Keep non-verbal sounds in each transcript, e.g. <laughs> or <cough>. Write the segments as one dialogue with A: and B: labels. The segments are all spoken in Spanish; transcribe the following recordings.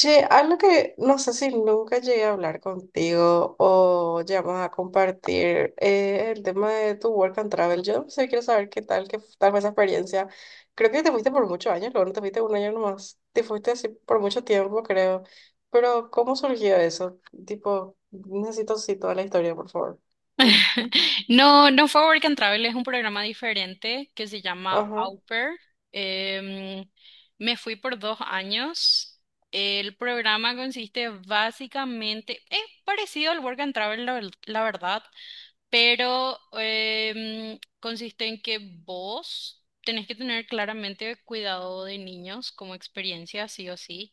A: Che, algo que no sé si nunca llegué a hablar contigo o llegamos a compartir el tema de tu work and travel. Yo sí quiero saber qué tal fue esa experiencia. Creo que te fuiste por muchos años, luego no te fuiste un año nomás. Te fuiste así por mucho tiempo, creo. Pero, ¿cómo surgió eso? Tipo, necesito sí toda la historia, por favor.
B: <laughs> No, no fue Work and Travel, es un programa diferente que se llama
A: Ajá.
B: Au Pair. Em, me fui por 2 años. El programa consiste básicamente, es parecido al Work and Travel, la verdad, pero consiste en que vos tenés que tener claramente cuidado de niños como experiencia, sí o sí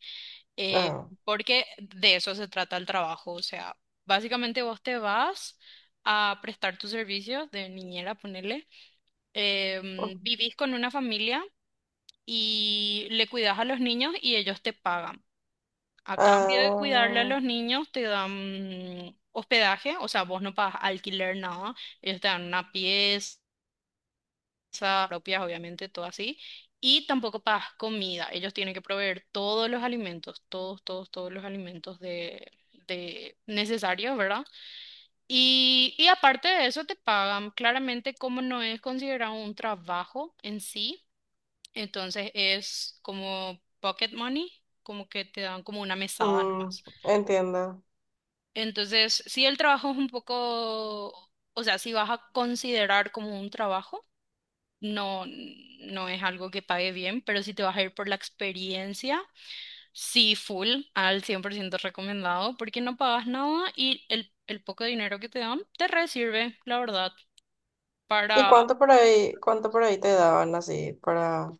A: Ah.
B: porque de eso se trata el trabajo. O sea, básicamente vos te vas a prestar tus servicios de niñera, ponele.
A: Ujú.
B: Vivís con una familia y le cuidas a los niños y ellos te pagan. A cambio de cuidarle a
A: Ah.
B: los niños, te dan hospedaje, o sea, vos no pagas alquiler, nada. Ellos te dan una pieza casa propias, obviamente, todo así. Y tampoco pagas comida. Ellos tienen que proveer todos los alimentos, todos, todos, todos los alimentos de necesarios, ¿verdad? Y aparte de eso te pagan. Claramente, como no es considerado un trabajo en sí, entonces es como pocket money, como que te dan como una mesada
A: Mm,
B: nomás.
A: entiendo.
B: Entonces, si el trabajo es un poco, o sea, si vas a considerar como un trabajo. No, no es algo que pague bien, pero si te vas a ir por la experiencia, sí, full, al 100% recomendado, porque no pagas nada y el poco dinero que te dan te re sirve, la verdad,
A: ¿Y
B: para.
A: cuánto por ahí te daban así para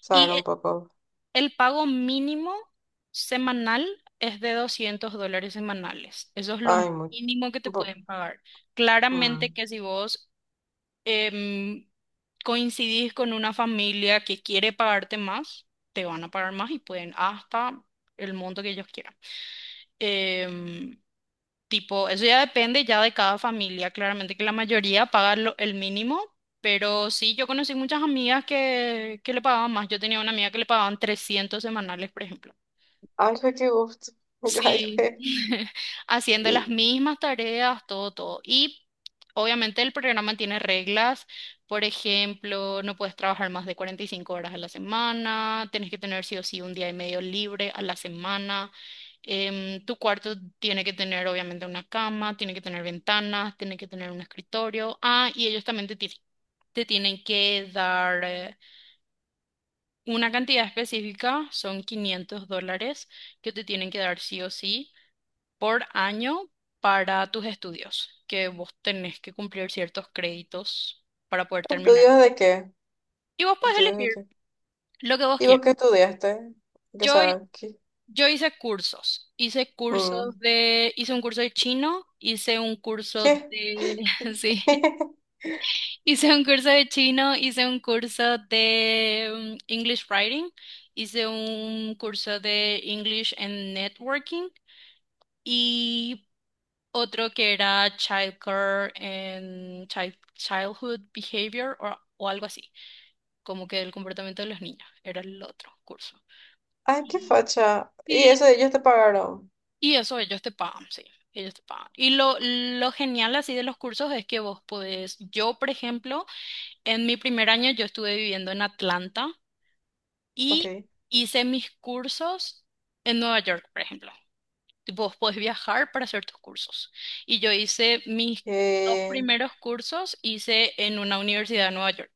A: saber
B: Y
A: un
B: e-
A: poco?
B: el pago mínimo semanal es de $200 semanales. Eso es lo
A: Ay, muy...
B: mínimo que te
A: bo-
B: pueden pagar. Claramente
A: mm.
B: que si vos em, coincidís con una familia que quiere pagarte más, te van a pagar más y pueden hasta el monto que ellos quieran. Em, tipo, eso ya depende ya de cada familia. Claramente que la mayoría paga el mínimo, pero sí, yo conocí muchas amigas que le pagaban más. Yo tenía una amiga que le pagaban 300 semanales, por ejemplo.
A: Ay, fue qué gusto. <laughs> Ay,
B: Sí,
A: fue.
B: <laughs> haciendo
A: ¿Y
B: las mismas tareas, todo, todo. Y obviamente el programa tiene reglas, por ejemplo, no puedes trabajar más de 45 horas a la semana, tienes que tener sí o sí un día y medio libre a la semana, tu cuarto tiene que tener obviamente una cama, tiene que tener ventanas, tiene que tener un escritorio. Ah, y ellos también te tienen que dar una cantidad específica, son $500 que te tienen que dar sí o sí por año para tus estudios, que vos tenés que cumplir ciertos créditos para poder terminar.
A: estudios de qué?
B: Y vos podés
A: ¿Estudios de
B: elegir
A: qué?
B: lo que vos
A: ¿Y vos
B: quieras.
A: qué estudiaste? O
B: Yo, hi-
A: sea, ¿qué?
B: yo
A: Mm.
B: hice un curso de chino, hice un curso
A: ¿Qué?
B: de, <laughs> sí,
A: <laughs>
B: hice un curso de chino, hice un curso de English Writing, hice un curso de English and Networking. Y otro que era Childcare and Childhood Behavior o algo así, como que el comportamiento de los niños, era el otro curso.
A: Ay, qué
B: Y,
A: facha. Y
B: y,
A: eso ellos te pagaron.
B: y eso ellos te pagan, sí, ellos te pagan. Y lo genial así de los cursos es que vos podés, yo por ejemplo, en mi primer año yo estuve viviendo en Atlanta y
A: Ok.
B: hice mis cursos en Nueva York, por ejemplo. Tipo, <laughs> vos podés viajar para hacer tus cursos. Y yo hice mis dos
A: Eh,
B: primeros cursos, hice en una universidad de Nueva York.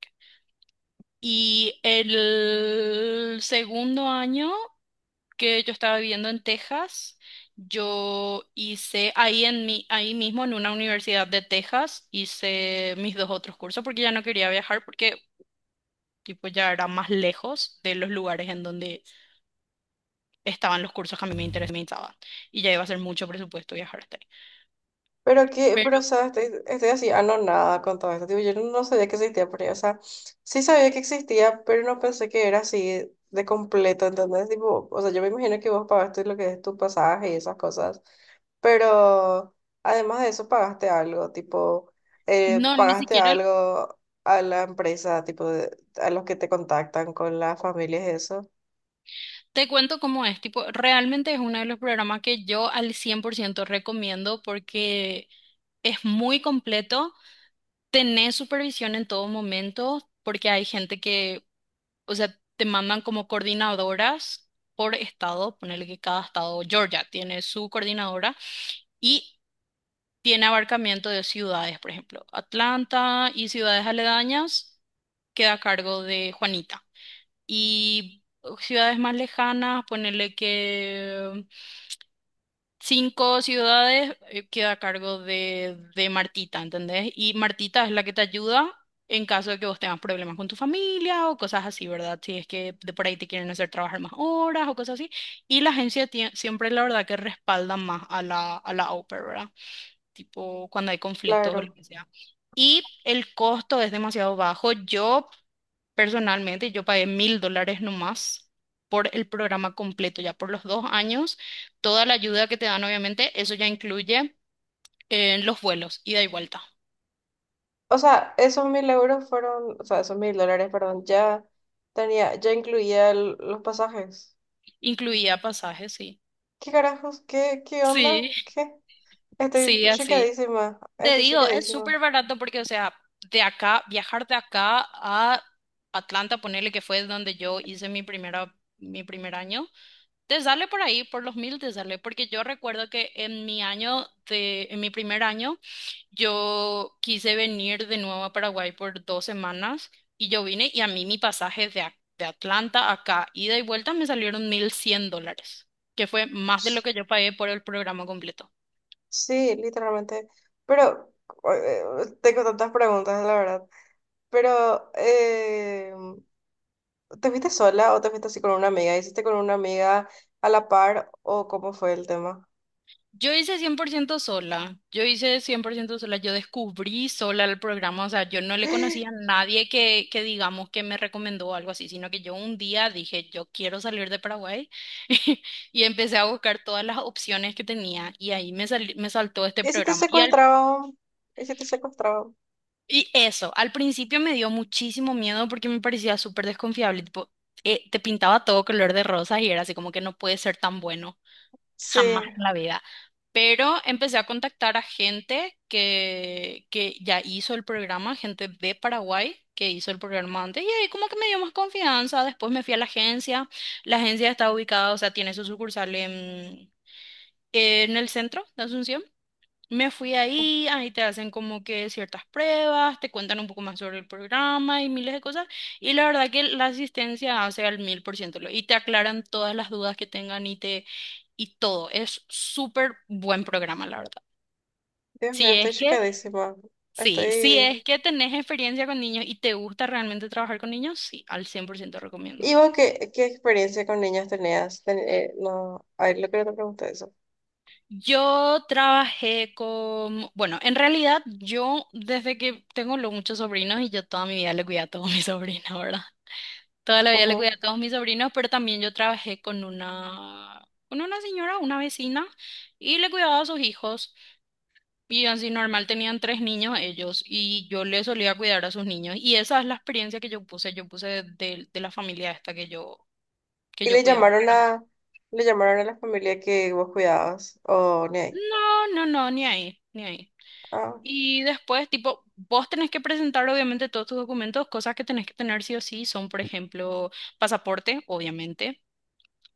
B: Y el segundo año que yo estaba viviendo en Texas, yo hice ahí, en mi, ahí mismo en una universidad de Texas, hice mis dos otros cursos porque ya no quería viajar porque tipo, ya era más lejos de los lugares en donde estaban los cursos que a mí me interesaban. Y ya iba a ser mucho presupuesto viajar hasta
A: Pero que,
B: ahí.
A: pero o sea, estoy así anonada con todo esto. Tipo, yo no sabía que existía pero ahí. O sea, sí sabía que existía, pero no pensé que era así de completo, ¿entendés? Tipo, o sea, yo me imagino que vos pagaste lo que es tu pasaje y esas cosas. Pero además de eso, pagaste algo, tipo,
B: No, ni
A: pagaste
B: siquiera el-
A: algo a la empresa, tipo, de- a los que te contactan con las familias, eso.
B: te cuento cómo es. Tipo, realmente es uno de los programas que yo al 100% recomiendo porque es muy completo. Tenés supervisión en todo momento porque hay gente que, o sea, te mandan como coordinadoras por estado. Ponerle que cada estado, Georgia, tiene su coordinadora y tiene abarcamiento de ciudades, por ejemplo, Atlanta y ciudades aledañas queda a cargo de Juanita. Y ciudades más lejanas, ponerle que cinco ciudades queda a cargo de Martita, ¿entendés? Y Martita es la que te ayuda en caso de que vos tengas problemas con tu familia o cosas así, ¿verdad? Si es que de por ahí te quieren hacer trabajar más horas o cosas así. Y la agencia siempre, la verdad, que respalda más a la au pair, ¿verdad? Tipo cuando hay conflictos o lo
A: Claro.
B: que sea. Y el costo es demasiado bajo. Yo Personalmente, yo pagué $1,000 nomás por el programa completo, ya por los 2 años. Toda la ayuda que te dan, obviamente, eso ya incluye los vuelos, ida y vuelta.
A: O sea, esos 1000 euros fueron, o sea, esos 1000 dólares, perdón, ya tenía, ya incluía el- los pasajes.
B: Incluía pasajes, sí.
A: ¿Qué carajos? ¿Qué, qué onda?
B: Sí,
A: ¿Qué? Estoy
B: sí, así.
A: choqueadísima,
B: Te
A: estoy
B: digo, es
A: choqueadísima.
B: súper barato porque, o sea, de acá, viajar de acá a Atlanta, ponerle que fue donde yo hice mi primer año, te sale por ahí, por los 1,000 te sale, porque yo recuerdo que en mi primer año, yo quise venir de nuevo a Paraguay por 2 semanas y yo vine y a mí mi pasaje de Atlanta a acá, ida y vuelta, me salieron $1,100, que fue más de lo
A: S-
B: que yo pagué por el programa completo.
A: Sí, literalmente. Pero eh, tengo tantas preguntas, la verdad. Pero, ¿te fuiste sola o te fuiste así con una amiga? ¿Hiciste con una amiga a la par o cómo fue el tema?
B: Yo hice 100% sola, yo hice 100% sola, yo descubrí sola el programa, o sea, yo no
A: <gasps>
B: le
A: ¿Y
B: conocía a nadie que digamos que me recomendó o algo así, sino que yo un día dije, yo quiero salir de Paraguay. <laughs> Y empecé a buscar todas las opciones que tenía y ahí me saltó este
A: si te
B: programa.
A: secuestraban? ¿Y si te secuestraban?
B: Y eso, al principio me dio muchísimo miedo porque me parecía súper desconfiable, tipo, te pintaba todo color de rosas y era así como que no puede ser tan bueno,
A: Sí.
B: jamás en la vida. Pero empecé a contactar a gente que ya hizo el programa, gente de Paraguay que hizo el programa antes, y ahí como que me dio más confianza. Después me fui a la agencia está ubicada, o sea, tiene su sucursal en el centro de Asunción. Me fui ahí, ahí te hacen como que ciertas pruebas, te cuentan un poco más sobre el programa y miles de cosas. Y la verdad que la asistencia hace al 1000% y te aclaran todas las dudas que tengan y te y todo. Es súper buen programa, la verdad.
A: Dios mío,
B: Si es
A: estoy
B: que,
A: chocadísima.
B: sí, si
A: Estoy.
B: es que tenés experiencia con niños y te gusta realmente trabajar con niños, sí, al 100% recomiendo.
A: ¿Y vos qué, qué experiencia con niños tenías? Ten- no, a ver, lo que no te pregunté eso.
B: Yo trabajé con, bueno, en realidad yo desde que tengo los muchos sobrinos y yo toda mi vida le cuidé a todos mis <laughs> sobrinos, ¿verdad? Toda la vida le cuidé
A: Ujú.
B: a todos mis sobrinos, pero también yo trabajé con una señora, una vecina, y le cuidaba a sus hijos. Y así normal tenían tres niños ellos, y yo le solía cuidar a sus niños. Y esa es la experiencia que yo puse de la familia esta que
A: ¿Y
B: yo cuidaba. Pero
A: le llamaron a la familia que vos cuidabas? ¿O ni ahí?
B: no, no, no, ni ahí, ni ahí.
A: Ah,
B: Y después, tipo, vos tenés que presentar obviamente todos tus documentos, cosas que tenés que tener sí o sí son, por ejemplo, pasaporte, obviamente.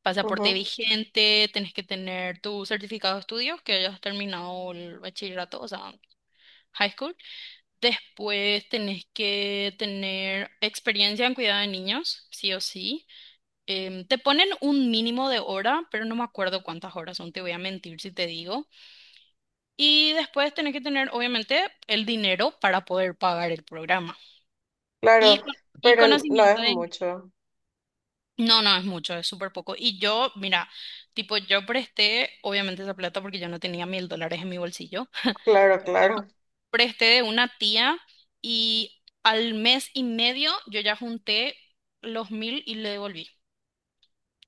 B: Pasaporte
A: ujú.
B: vigente, tenés que tener tu certificado de estudios, que hayas terminado el bachillerato, o sea, high school. Después tenés que tener experiencia en cuidado de niños, sí o sí. Te ponen un mínimo de hora, pero no me acuerdo cuántas horas son, te voy a mentir si te digo. Y después tenés que tener, obviamente, el dinero para poder pagar el programa. Y,
A: Claro,
B: y
A: pero no
B: conocimiento
A: es
B: de.
A: mucho.
B: No, no, es mucho, es súper poco. Y yo, mira, tipo, yo presté, obviamente esa plata porque yo no tenía $1,000 en mi bolsillo, <laughs>
A: Claro, claro.
B: presté de una tía y al mes y medio yo ya junté los 1,000 y le devolví.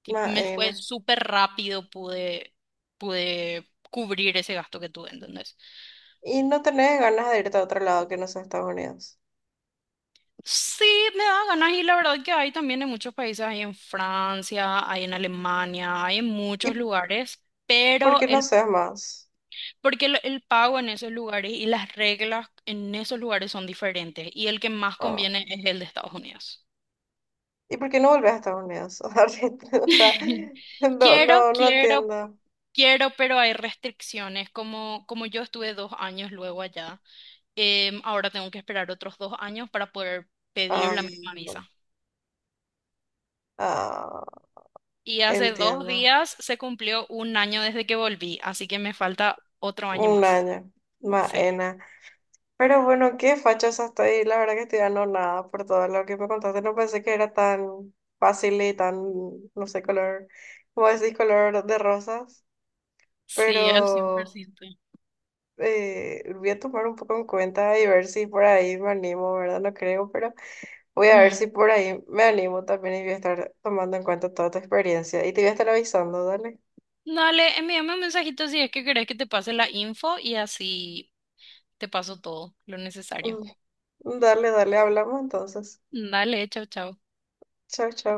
B: Me
A: Maena.
B: fue súper rápido, pude cubrir ese gasto que tuve, ¿entendés?
A: ¿Y no tenés ganas de irte a otro lado que no sea Estados Unidos?
B: Sí, me da ganas y la verdad que hay también en muchos países, hay en Francia, hay en Alemania, hay en muchos
A: ¿Y
B: lugares.
A: por
B: Pero
A: qué no
B: el
A: seas más?
B: Porque el pago en esos lugares y las reglas en esos lugares son diferentes y el que más
A: Ah.
B: conviene es el de Estados Unidos.
A: ¿Y por qué no volvés a Estados Unidos? <laughs> O sea,
B: <laughs>
A: no,
B: Quiero,
A: no, no
B: quiero,
A: entiendo.
B: quiero, pero hay restricciones. Como yo estuve 2 años luego allá, ahora tengo que esperar otros 2 años para poder pedir
A: Ah,
B: la misma visa.
A: ah,
B: Y hace dos
A: entiendo.
B: días se cumplió un año desde que volví, así que me falta otro año
A: Un
B: más.
A: año.
B: Sí,
A: Maena. Pero bueno, qué fachosa estoy. La verdad que estoy nada por todo lo que me contaste. No pensé que era tan fácil y tan, no sé, color, como decís, color de rosas.
B: sí, al cien por
A: Pero
B: ciento.
A: voy a tomar un poco en cuenta y ver si por ahí me animo, ¿verdad? No creo, pero voy a ver si por ahí me animo también y voy a estar tomando en cuenta toda tu experiencia. Y te voy a estar avisando, dale.
B: Dale, envíame un mensajito si es que querés que te pase la info y así te paso todo lo necesario.
A: Dale, dale, hablamos entonces.
B: Dale, chao, chao.
A: Chao, chao.